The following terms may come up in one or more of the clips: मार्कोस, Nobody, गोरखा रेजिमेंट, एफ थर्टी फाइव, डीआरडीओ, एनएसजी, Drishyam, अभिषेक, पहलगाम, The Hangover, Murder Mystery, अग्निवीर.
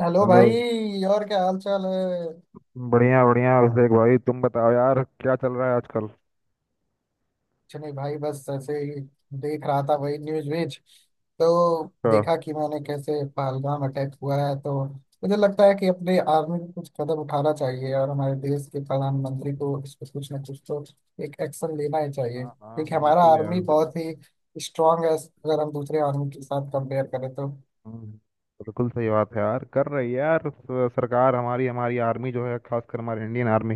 Hello hello. भाई, और क्या हाल चाल है? बढ़िया बढ़िया अभिषेक भाई, तुम बताओ यार क्या चल रहा है आजकल। कुछ नहीं भाई, बस ऐसे ही। देख रहा था वही न्यूज व्यूज, तो का। देखा कि मैंने कैसे पहलगाम अटैक हुआ है। तो मुझे लगता है कि अपने आर्मी को कुछ कदम उठाना चाहिए, और हमारे देश के प्रधानमंत्री को इस पर कुछ ना कुछ तो एक एक्शन लेना ही चाहिए, हाँ हाँ, क्योंकि हमारा बिल्कुल यार। आर्मी बहुत ही स्ट्रांग है अगर हम दूसरे आर्मी के साथ कंपेयर करें तो। हम्म, बिल्कुल सही बात है यार। कर रही है यार। सरकार, हमारी हमारी आर्मी जो है, खासकर हमारी इंडियन आर्मी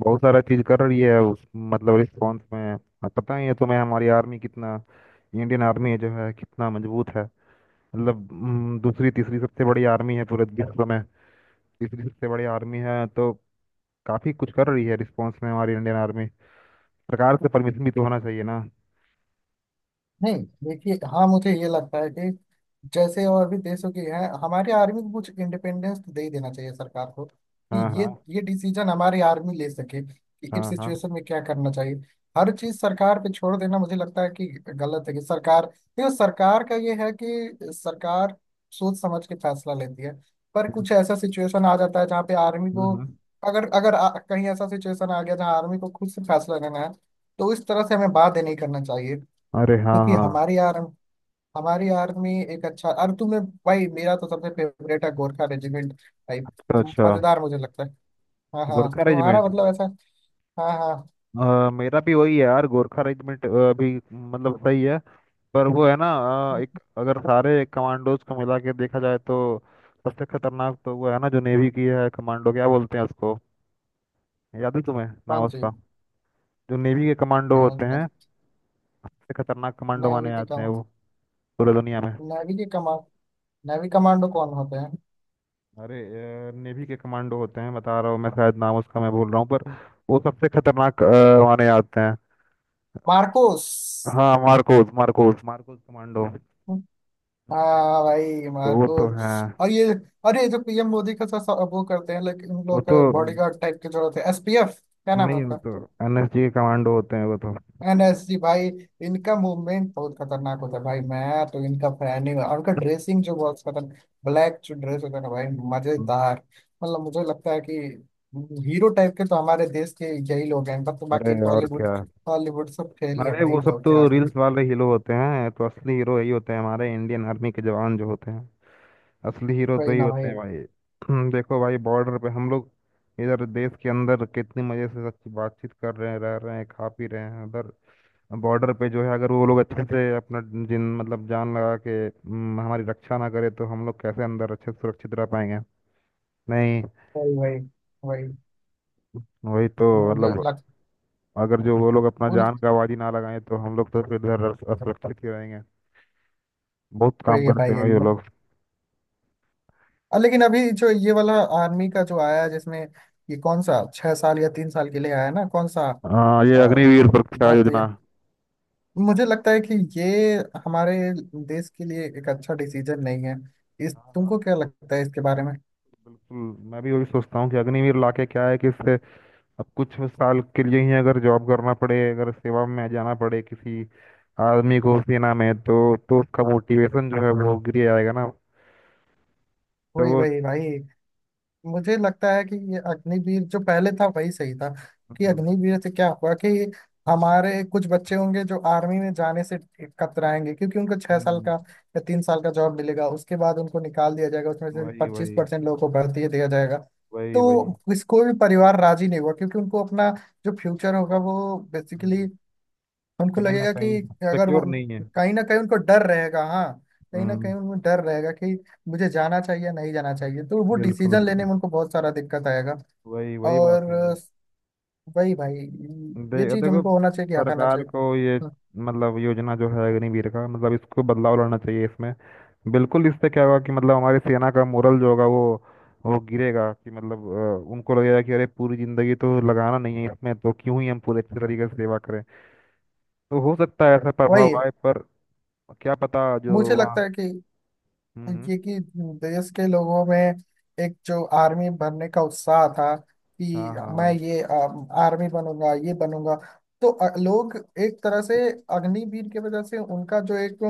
बहुत सारा चीज कर रही है उस मतलब रिस्पॉन्स में। अब पता ही है तुम्हें हमारी आर्मी कितना इंडियन आर्मी जो है कितना मजबूत है। मतलब दूसरी तीसरी सबसे बड़ी आर्मी है पूरे विश्व में। तीसरी सबसे बड़ी आर्मी है, तो काफी कुछ कर रही है रिस्पॉन्स में हमारी इंडियन आर्मी। सरकार से परमिशन भी तो होना चाहिए ना। नहीं, देखिए, हाँ, मुझे ये लगता है कि जैसे और भी देशों की है, हमारी आर्मी को कुछ इंडिपेंडेंस तो दे ही देना चाहिए सरकार को, कि हाँ ये हाँ। ये डिसीजन हमारी आर्मी ले सके कि इस हाँ हाँ। सिचुएशन में क्या करना चाहिए। हर चीज सरकार पे छोड़ देना मुझे लगता है कि गलत है, कि सरकार, ये सरकार का ये है कि सरकार सोच समझ के फैसला लेती है, पर कुछ ऐसा सिचुएशन आ जाता है जहाँ पे आर्मी को, हम्म हम्म। अगर अगर कहीं ऐसा सिचुएशन आ गया जहाँ आर्मी को खुद से फैसला लेना है, तो इस तरह से हमें बात नहीं करना चाहिए, अरे हाँ क्योंकि हाँ। हमारी, यार, हमारी आर्मी एक अच्छा, अरे तुम्हें भाई मेरा तो सबसे फेवरेट है गोरखा रेजिमेंट भाई। अच्छा अच्छा। मजेदार, मुझे लगता है। हाँ हाँ, गोरखा तुम्हारा रेजिमेंट। मतलब ऐसा। हाँ हाँ। मेरा भी वही है यार, गोरखा रेजिमेंट अभी मतलब सही है, पर वो है ना। हम्म, एक अगर सारे कमांडोज को मिला के देखा जाए तो सबसे खतरनाक तो वो है ना जो नेवी की है कमांडो, क्या बोलते हैं उसको, याद है तुम्हें नाम कौन सी? उसका? जो नेवी के कमांडो होते नेवी हैं सबसे खतरनाक कमांडो माने की जाते हैं कमान, वो पूरी दुनिया में। नेवी की कमान, नेवी कमांडो कौन होते हैं? अरे, नेवी के कमांडो होते हैं बता रहा हूँ मैं, शायद नाम उसका मैं भूल रहा हूँ, पर वो सबसे खतरनाक माने जाते हैं। मार्कोस। हाँ मार्कोस, मार्कोस मार्कोस कमांडो। हाँ भाई, तो वो तो मार्कोस। है। और ये, अरे जो पीएम मोदी का सा, सा, वो करते हैं, लेकिन उन वो लोग तो, बॉडीगार्ड टाइप के जो होते हैं, एसपीएफ क्या नाम नहीं वो है? तो एनएसजी के कमांडो होते हैं वो तो। एनएसजी भाई। इनका मूवमेंट बहुत खतरनाक होता है भाई, मैं तो इनका फैन ही हूँ, और इनका ड्रेसिंग जो बहुत खतरनाक, ब्लैक जो ड्रेस होता है ना भाई, मजेदार। मतलब मुझे लगता है कि हीरो टाइप के तो हमारे देश के यही लोग हैं, बट अरे, बाकी और बॉलीवुड, क्या। हॉलीवुड सब फेल ही है अरे भाई वो इन सब लोग के तो आगे। रील्स वाले हीरो होते हैं, तो असली हीरो यही होते हैं, हमारे इंडियन आर्मी के जवान जो होते हैं। असली हीरो तो वही ही ना होते भाई। हैं भाई। देखो भाई, बॉर्डर पे हम लोग इधर देश के अंदर कितनी मजे से अच्छी बातचीत कर रहे हैं, रह रहे हैं, खा पी रहे हैं। उधर बॉर्डर पे जो है, अगर वो लोग अच्छे से अपना जिन मतलब जान लगा के हमारी रक्षा ना करे तो हम लोग कैसे अंदर अच्छे से सुरक्षित रह पाएंगे। नहीं। वही वही वही, वही तो मुझे मतलब, लग, अगर जो वो लोग अपना बुल, जान का आवाज ही ना लगाएं तो हम लोग तो फिर इधर असुरक्षित ही रहेंगे। बहुत काम वही है करते भाई, हैं यही भाई वो मतलब, लोग। लेकिन अभी जो ये वाला आर्मी का जो आया है, जिसमें ये कौन सा 6 साल या 3 साल के लिए आया है ना, कौन सा हाँ, ये अ, अग्निवीर सुरक्षा भर्ती। योजना। मुझे लगता है कि ये हमारे देश के लिए एक अच्छा डिसीजन नहीं है। इस, हाँ हाँ, तुमको क्या लगता है इसके बारे में? बिल्कुल। मैं भी वही सोचता हूँ कि अग्निवीर लाके क्या है कि इससे अब कुछ साल के लिए ही अगर जॉब करना पड़े, अगर सेवा में जाना पड़े किसी आदमी को सेना में, तो उसका मोटिवेशन जो है वो गिर जाएगा ना। तो वही वही भाई। मुझे लगता है कि ये अग्निवीर जो पहले था वही सही था। कि हम्म, अग्निवीर से क्या हुआ कि हमारे कुछ बच्चे होंगे जो आर्मी में जाने से कतराएंगे, क्योंकि उनको 6 साल हम्म, का या 3 साल का जॉब मिलेगा, उसके बाद उनको निकाल दिया जाएगा, उसमें से वही पच्चीस वही, परसेंट लोगों को भर्ती दिया जाएगा। वही तो वही, इस, कोई भी परिवार राजी नहीं हुआ, क्योंकि उनको अपना जो फ्यूचर होगा वो बेसिकली, हम्म, उनको कहीं ना लगेगा कि कहीं अगर वो, सिक्योर नहीं है। कहीं ना कहीं उनको डर रहेगा। हाँ, कहीं ना कहीं हम्म, उनको डर रहेगा कि मुझे जाना चाहिए, नहीं जाना चाहिए, तो वो बिल्कुल। डिसीजन लेने में उनको बहुत सारा दिक्कत आएगा। वही वही बात और है। वही भाई, ये चीज देखो उनको होना चाहिए कि हटाना सरकार चाहिए। को, ये हम्म, मतलब योजना जो है अग्निवीर का मतलब इसको बदलाव लाना चाहिए इसमें। बिल्कुल। इससे क्या होगा कि मतलब हमारी सेना का मोरल जो होगा वो गिरेगा कि मतलब उनको लगेगा कि अरे, पूरी जिंदगी तो लगाना नहीं है इसमें तो क्यों ही हम पूरे अच्छे तरीके से सेवा करें। तो हो सकता है ऐसा प्रभाव वही। आए, पर क्या पता जो मुझे लगता वहाँ। है कि, हम्म हम्म, क्योंकि देश के लोगों में एक जो आर्मी बनने का उत्साह था हाँ कि मैं हाँ, ये आर्मी बनूंगा, ये बनूंगा, तो लोग एक तरह से अग्निवीर की वजह से उनका जो एक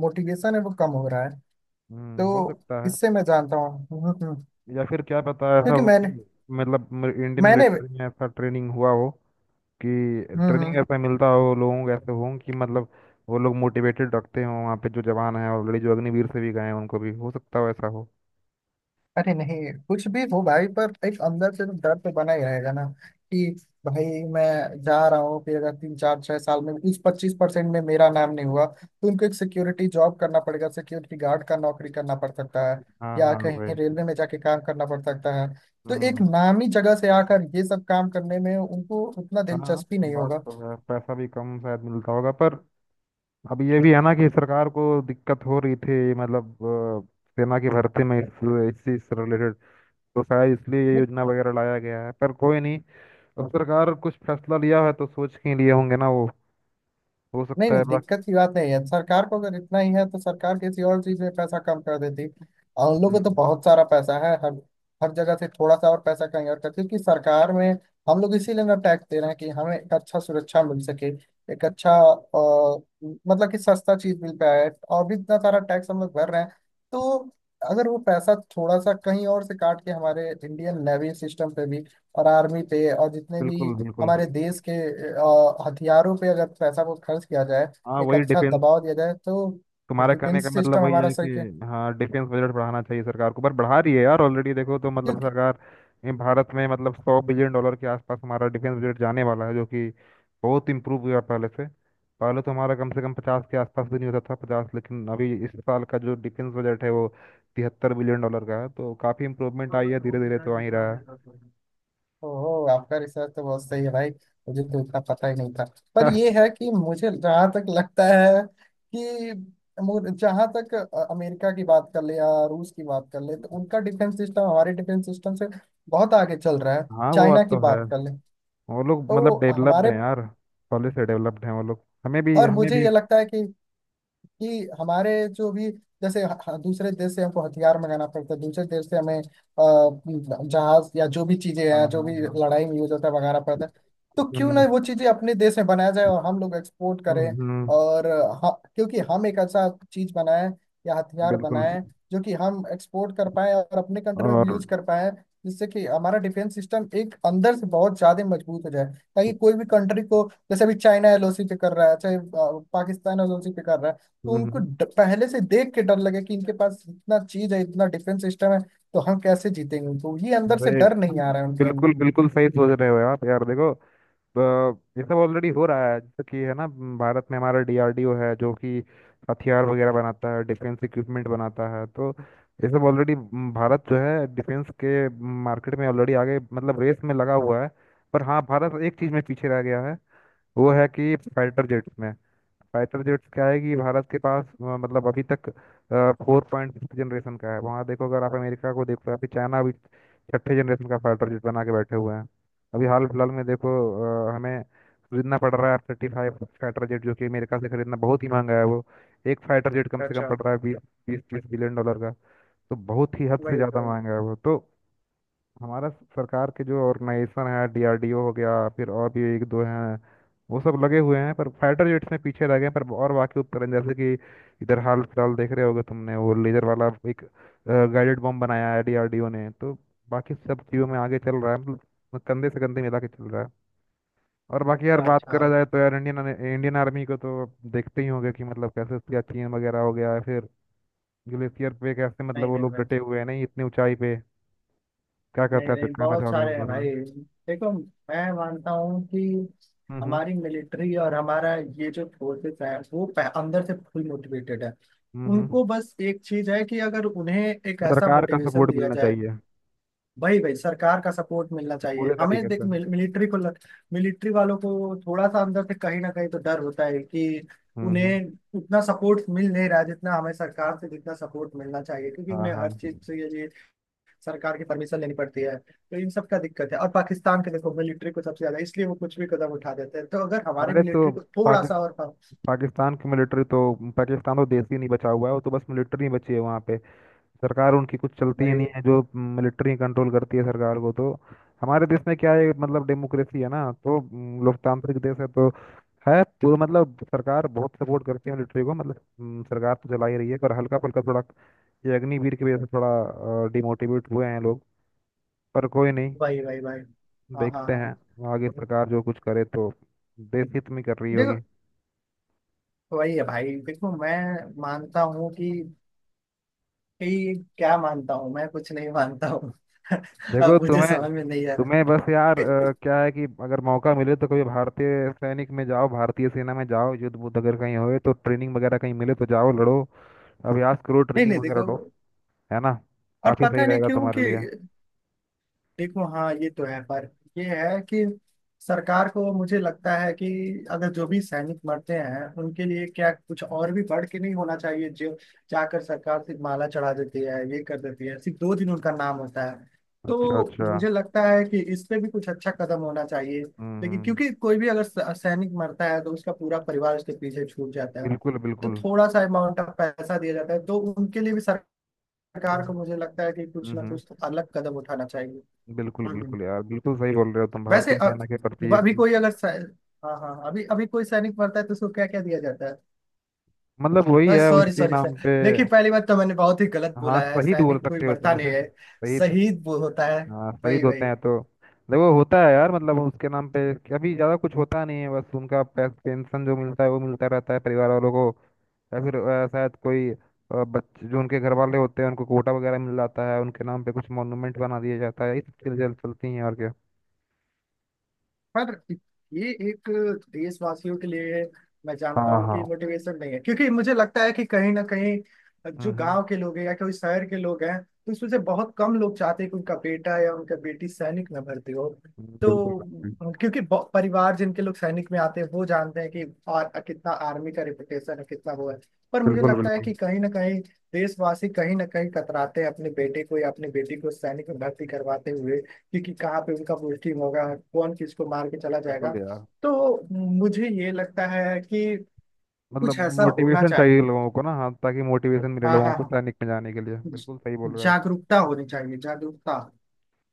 मोटिवेशन है वो कम हो रहा है। हो तो सकता है। इससे मैं जानता हूँ। या फिर क्या पता ऐसा क्योंकि हो कि मैंने मतलब इंडियन मैंने मिलिट्री में ऐसा ट्रेनिंग हुआ हो कि हम्म हम्म ट्रेनिंग ऐसा मिलता हो लोगों को, ऐसे हों कि मतलब वो लोग मोटिवेटेड रखते हों। वहाँ पे जो जवान हैं ऑलरेडी, जो अग्निवीर से भी गए हैं, उनको भी हो सकता हो ऐसा हो। अरे नहीं, कुछ भी हो भाई, पर एक अंदर से तो डर तो बना ही रहेगा ना, कि भाई मैं जा रहा हूँ कि अगर 3, 4, 6 साल में इस 25% में मेरा नाम नहीं हुआ, तो उनको एक सिक्योरिटी जॉब करना पड़ेगा, सिक्योरिटी गार्ड का नौकरी करना पड़ सकता है, हाँ या हाँ कहीं भाई। रेलवे में जाके काम करना पड़ सकता है। तो एक हम्म। नामी जगह से आकर ये सब काम करने में उनको उतना हाँ, दिलचस्पी नहीं बात होगा। तो है। पैसा भी कम शायद मिलता होगा, पर अब ये भी है ना कि सरकार को दिक्कत हो रही थी मतलब सेना की भर्ती में इस चीज से रिलेटेड, तो शायद इसलिए ये योजना वगैरह लाया गया है। पर कोई नहीं, अब सरकार कुछ फैसला लिया है तो सोच के लिए होंगे ना वो। हो नहीं सकता नहीं, है बस। दिक्कत की बात नहीं है, सरकार को अगर इतना ही है तो सरकार किसी और चीज में पैसा कम कर देती, और उन लोगों को तो हम्म, बहुत सारा पैसा है, हर हर जगह से थोड़ा सा और पैसा कहीं और करती, क्योंकि सरकार में हम लोग इसीलिए ना टैक्स दे रहे हैं कि हमें एक अच्छा सुरक्षा मिल सके, एक अच्छा मतलब कि सस्ता चीज मिल पाए, और भी इतना सारा टैक्स हम लोग भर रहे हैं। तो अगर वो पैसा थोड़ा सा कहीं और से काट के हमारे इंडियन नेवी सिस्टम पे भी और आर्मी पे और जितने भी बिल्कुल बिल्कुल। हमारे देश के हथियारों पे अगर पैसा को खर्च किया जाए, हाँ, एक वही अच्छा डिफेंस। दबाव दिया जाए, तो तुम्हारे कहने का डिफेंस सिस्टम मतलब वही हमारा है कि सही है, हाँ, डिफेंस बजट बढ़ाना चाहिए सरकार को। पर बढ़ा रही है यार ऑलरेडी, देखो तो मतलब क्योंकि, सरकार, ये भारत में मतलब 100 बिलियन डॉलर के आसपास हमारा डिफेंस बजट जाने वाला है, जो कि बहुत इम्प्रूव हुआ पहले से। पहले तो हमारा कम से कम 50 के आसपास भी नहीं होता था, 50। लेकिन अभी इस साल का जो डिफेंस बजट है वो 73 बिलियन डॉलर का है, तो काफ़ी इम्प्रूवमेंट आई है। धीरे धीरे तो आ ही रहा ओहो, आपका रिसर्च तो बहुत सही है भाई, मुझे तो इतना पता ही नहीं था। पर है। ये है कि मुझे जहाँ तक लगता है कि, जहाँ तक अमेरिका की बात कर ले या रूस की बात कर ले, तो उनका डिफेंस सिस्टम हमारे डिफेंस सिस्टम से बहुत आगे चल रहा है, हाँ, वो चाइना बात की तो है। बात कर ले, वो लोग मतलब तो डेवलप्ड हमारे, हैं यार, पहले से डेवलप्ड हैं वो लोग। हमें भी, और हमें मुझे भी। ये लगता है कि हमारे जो भी, जैसे दूसरे देश से हमको हथियार मंगाना पड़ता है, दूसरे देश से हमें जहाज या जो भी चीजें हाँ हैं जो हाँ भी हाँ। लड़ाई में यूज होता है मंगाना पड़ता है। तो क्यों ना हम्म वो चीजें अपने देश में बनाया जाए और हम लोग एक्सपोर्ट हम्म, करें, हम्म। और क्योंकि हम एक ऐसा चीज बनाएं या हथियार बिल्कुल। बनाएं जो कि हम एक्सपोर्ट कर पाए और अपने कंट्री में भी और यूज कर पाए, जिससे कि हमारा डिफेंस सिस्टम एक अंदर से बहुत ज्यादा मजबूत हो जाए, ताकि कोई भी कंट्री को, जैसे अभी चाइना एलओसी पे कर रहा है, चाहे पाकिस्तान एलओसी पे कर रहा है, तो उनको हम्म, पहले से देख के डर लगे कि इनके पास इतना चीज है, इतना डिफेंस सिस्टम है, तो हम कैसे जीतेंगे? उनको ये अंदर से अरे डर नहीं आ रहा है उनके बिल्कुल अंदर। बिल्कुल। हम्म। सही सोच रहे हो आप यार। देखो तो, ये सब ऑलरेडी हो रहा है, जैसे कि है ना, भारत में हमारा डीआरडीओ है जो कि हथियार वगैरह बनाता है, डिफेंस इक्विपमेंट बनाता है। तो ये सब ऑलरेडी, भारत जो है डिफेंस के मार्केट में ऑलरेडी आगे मतलब रेस में लगा हुआ है। पर हाँ, भारत एक चीज़ में पीछे रह गया है। वो है कि फाइटर जेट्स में। फाइटर जेट्स क्या है कि भारत के पास मतलब अभी तक 4.5 जनरेशन का है। वहाँ देखो, अगर आप अमेरिका को देखो, अभी चाइना अभी छठे जनरेशन का फाइटर जेट बना के बैठे हुए हैं। अभी हाल फिलहाल में देखो, हमें खरीदना पड़ रहा है F-35 फाइटर जेट, जो कि अमेरिका से खरीदना बहुत ही महंगा है वो। एक फाइटर जेट कम से कम अच्छा, पड़ रहा है 20, 20-30 बिलियन डॉलर का। तो बहुत ही हद से वही ज़्यादा वही। महंगा है वो तो। हमारा सरकार के जो ऑर्गेनाइजेशन है, डीआरडीओ हो गया, फिर और भी एक दो हैं, वो सब लगे हुए हैं। पर फाइटर जेट्स में पीछे रह गए हैं। पर और बाकी उपकरण जैसे कि इधर हाल फिलहाल देख रहे होगे तुमने, वो लेजर वाला एक गाइडेड बम बनाया है डीआरडीओ ने, तो बाकी सब चीज़ों में आगे चल रहा है, मतलब कंधे से कंधे मिला के चल रहा है। और बाकी अच्छा यार बात अच्छा। करा जाए तो यार इंडियन इंडियन आर्मी को तो आप देखते ही होंगे कि मतलब कैसे उसका चीन वगैरह हो गया है, फिर ग्लेशियर पे कैसे मतलब नहीं वो नहीं लोग मैं, डटे हुए हैं, नहीं, इतनी ऊंचाई पे, क्या नहीं कहता है नहीं, कहना बहुत चाहोगे इस सारे हैं बारे में? भाई। देखो, मैं मानता हूँ कि हम्म हमारी मिलिट्री और हमारा ये जो फोर्सेस है वो अंदर से फुल मोटिवेटेड है। हम्म हम्म। उनको बस एक चीज है कि अगर उन्हें एक ऐसा सरकार का मोटिवेशन सपोर्ट दिया मिलना जाए। चाहिए भाई भाई, सरकार का सपोर्ट मिलना चाहिए, पूरे हमें तरीके देख से। मिलिट्री को मिलिट्री वालों को थोड़ा सा अंदर से कहीं ना कहीं तो डर होता है कि हम्म। उन्हें उतना सपोर्ट मिल नहीं रहा है जितना हमें सरकार से, जितना सपोर्ट मिलना चाहिए, क्योंकि हाँ उन्हें हाँ। हर चीज से ये सरकार की परमिशन लेनी पड़ती है, तो इन सब का दिक्कत है। और पाकिस्तान के देखो मिलिट्री को सबसे ज्यादा इसलिए वो कुछ भी कदम उठा देते हैं, तो अगर हमारे अरे तो मिलिट्री को थोड़ा पाकि, सा और, पाकिस्तान की मिलिट्री तो, पाकिस्तान तो देश ही नहीं बचा हुआ है वो तो, बस मिलिट्री ही बची है वहाँ पे। सरकार उनकी कुछ चलती ही भाई नहीं है, जो मिलिट्री कंट्रोल करती है सरकार को तो। हमारे देश में क्या है मतलब डेमोक्रेसी है ना, तो लोकतांत्रिक देश है तो, है तो मतलब सरकार बहुत सपोर्ट करती है मिलिट्री को, मतलब सरकार तो चला ही रही है, पर हल्का फुल्का थोड़ा ये अग्निवीर की वजह से थोड़ा डिमोटिवेट हुए हैं लोग। पर कोई नहीं, भाई भाई भाई। हाँ हाँ देखते हाँ। हैं आगे सरकार जो कुछ करे तो देश हित में कर रही देखो, होगी। वही है भाई। देखो मैं मानता हूँ कि, ये क्या मानता हूँ, मैं कुछ नहीं मानता हूँ। अब देखो मुझे तुम्हें समझ में नहीं आ रहा। तुम्हें बस यार क्या है कि अगर मौका मिले तो कभी भारतीय सैनिक में जाओ, भारतीय सेना में जाओ। युद्ध बुद्ध अगर कहीं होए तो ट्रेनिंग वगैरह कहीं मिले तो जाओ लड़ो, अभ्यास करो, नहीं ट्रेनिंग नहीं, वगैरह देखो, लो। है ना? और काफी सही पता नहीं रहेगा क्यों तुम्हारे कि, लिए। देखो हाँ, ये तो है, पर ये है कि सरकार को, मुझे लगता है कि अगर जो भी सैनिक मरते हैं उनके लिए क्या कुछ और भी बढ़ के नहीं होना चाहिए, जो, जाकर सरकार सिर्फ माला चढ़ा देती है, ये कर देती है, सिर्फ 2 दिन उनका नाम होता है। अच्छा तो अच्छा। मुझे लगता है कि इस पे भी कुछ अच्छा कदम होना चाहिए। हम्म लेकिन हम्म, क्योंकि कोई भी अगर सैनिक मरता है, तो उसका पूरा परिवार उसके पीछे छूट जाता है, बिल्कुल तो बिल्कुल। थोड़ा सा अमाउंट ऑफ पैसा दिया जाता है, तो उनके लिए भी हम्म सरकार को, मुझे लगता है कि कुछ ना हम्म, कुछ तो अलग कदम उठाना चाहिए। बिल्कुल बिल्कुल यार, बिल्कुल सही बोल रहे हो तुम वैसे भारतीय सेना के प्रति। अभी कोई अगर हाँ हाँ हाँ, अभी अभी कोई सैनिक मरता है तो उसको क्या क्या दिया जाता मतलब वही है? है सॉरी उसके सॉरी नाम सर, पे। देखिए पहली बात तो मैंने बहुत ही गलत हाँ, बोला है, शहीद बोल सैनिक कोई सकते हो तुम मरता नहीं उसे, है, शहीद। शहीद वो होता है। हाँ, वही शहीद होते वही। हैं तो। देखो होता है यार मतलब उसके नाम पे अभी ज्यादा कुछ होता नहीं है, बस उनका पेंशन जो मिलता है वो मिलता रहता है परिवार वालों को। या फिर शायद कोई बच्चे जो उनके घर वाले होते हैं उनको कोटा वगैरह मिल जाता है, उनके नाम पे कुछ मॉन्यूमेंट बना दिया जाता है, ये सब चीजें चल चलती हैं, और क्या। पर ये एक देशवासियों के लिए, मैं हाँ जानता हूँ कि हाँ। मोटिवेशन नहीं है, क्योंकि मुझे लगता है कि कहीं ना कहीं हम्म जो हम्म, गांव के लोग हैं या कोई शहर के लोग हैं, तो इसमें से बहुत कम लोग चाहते हैं कि उनका बेटा या उनका बेटी सैनिक में भर्ती हो। बिल्कुल तो क्योंकि परिवार जिनके लोग सैनिक में आते हैं वो जानते हैं कि कितना आर्मी का रिपुटेशन है, कितना वो है। पर मुझे बिल्कुल। लगता है बिल्कुल कि कहीं ना कहीं देशवासी कहीं ना कहीं कतराते हैं अपने बेटे को या अपनी बेटी को सैनिक में भर्ती करवाते हुए, क्योंकि कहाँ पे उनका पोस्टिंग होगा, कौन किसको मार के चला जाएगा। बिल्कुल यार, तो मुझे ये लगता है कि कुछ मतलब ऐसा होना मोटिवेशन चाहिए चाहिए। लोगों को ना, हाँ, ताकि मोटिवेशन मिले हाँ लोगों हाँ को हाँ। सैनिक में जाने के लिए। ज- बिल्कुल सही बोल रहे हो आप। जागरूकता होनी चाहिए, जागरूकता।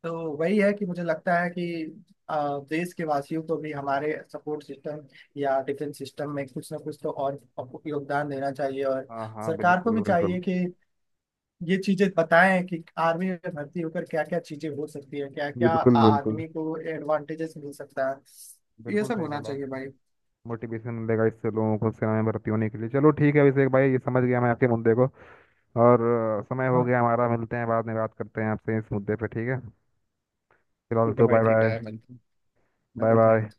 तो वही है कि मुझे लगता है कि देश के वासियों को भी हमारे सपोर्ट सिस्टम या डिफेंस सिस्टम में कुछ ना कुछ तो और योगदान देना चाहिए, और हाँ हाँ, सरकार को बिल्कुल भी चाहिए बिल्कुल। कि ये चीजें बताएं कि आर्मी में भर्ती होकर क्या क्या चीजें हो सकती है, क्या क्या बिल्कुल बिल्कुल आदमी को एडवांटेजेस मिल सकता है। ये बिल्कुल सब सही होना बोला। चाहिए भाई। मोटिवेशन मिलेगा इससे लोगों को सेना में भर्ती होने के लिए। चलो ठीक है अभिषेक भाई, ये समझ गया मैं आपके मुद्दे को। और समय हो हाँ, गया हमारा, मिलते हैं बाद में, बात करते हैं आपसे इस मुद्दे पे, ठीक है। फिलहाल ठीक है तो भाई, बाय ठीक बाय। है, मिलते हैं। Bye बाय bye भाई। बाय।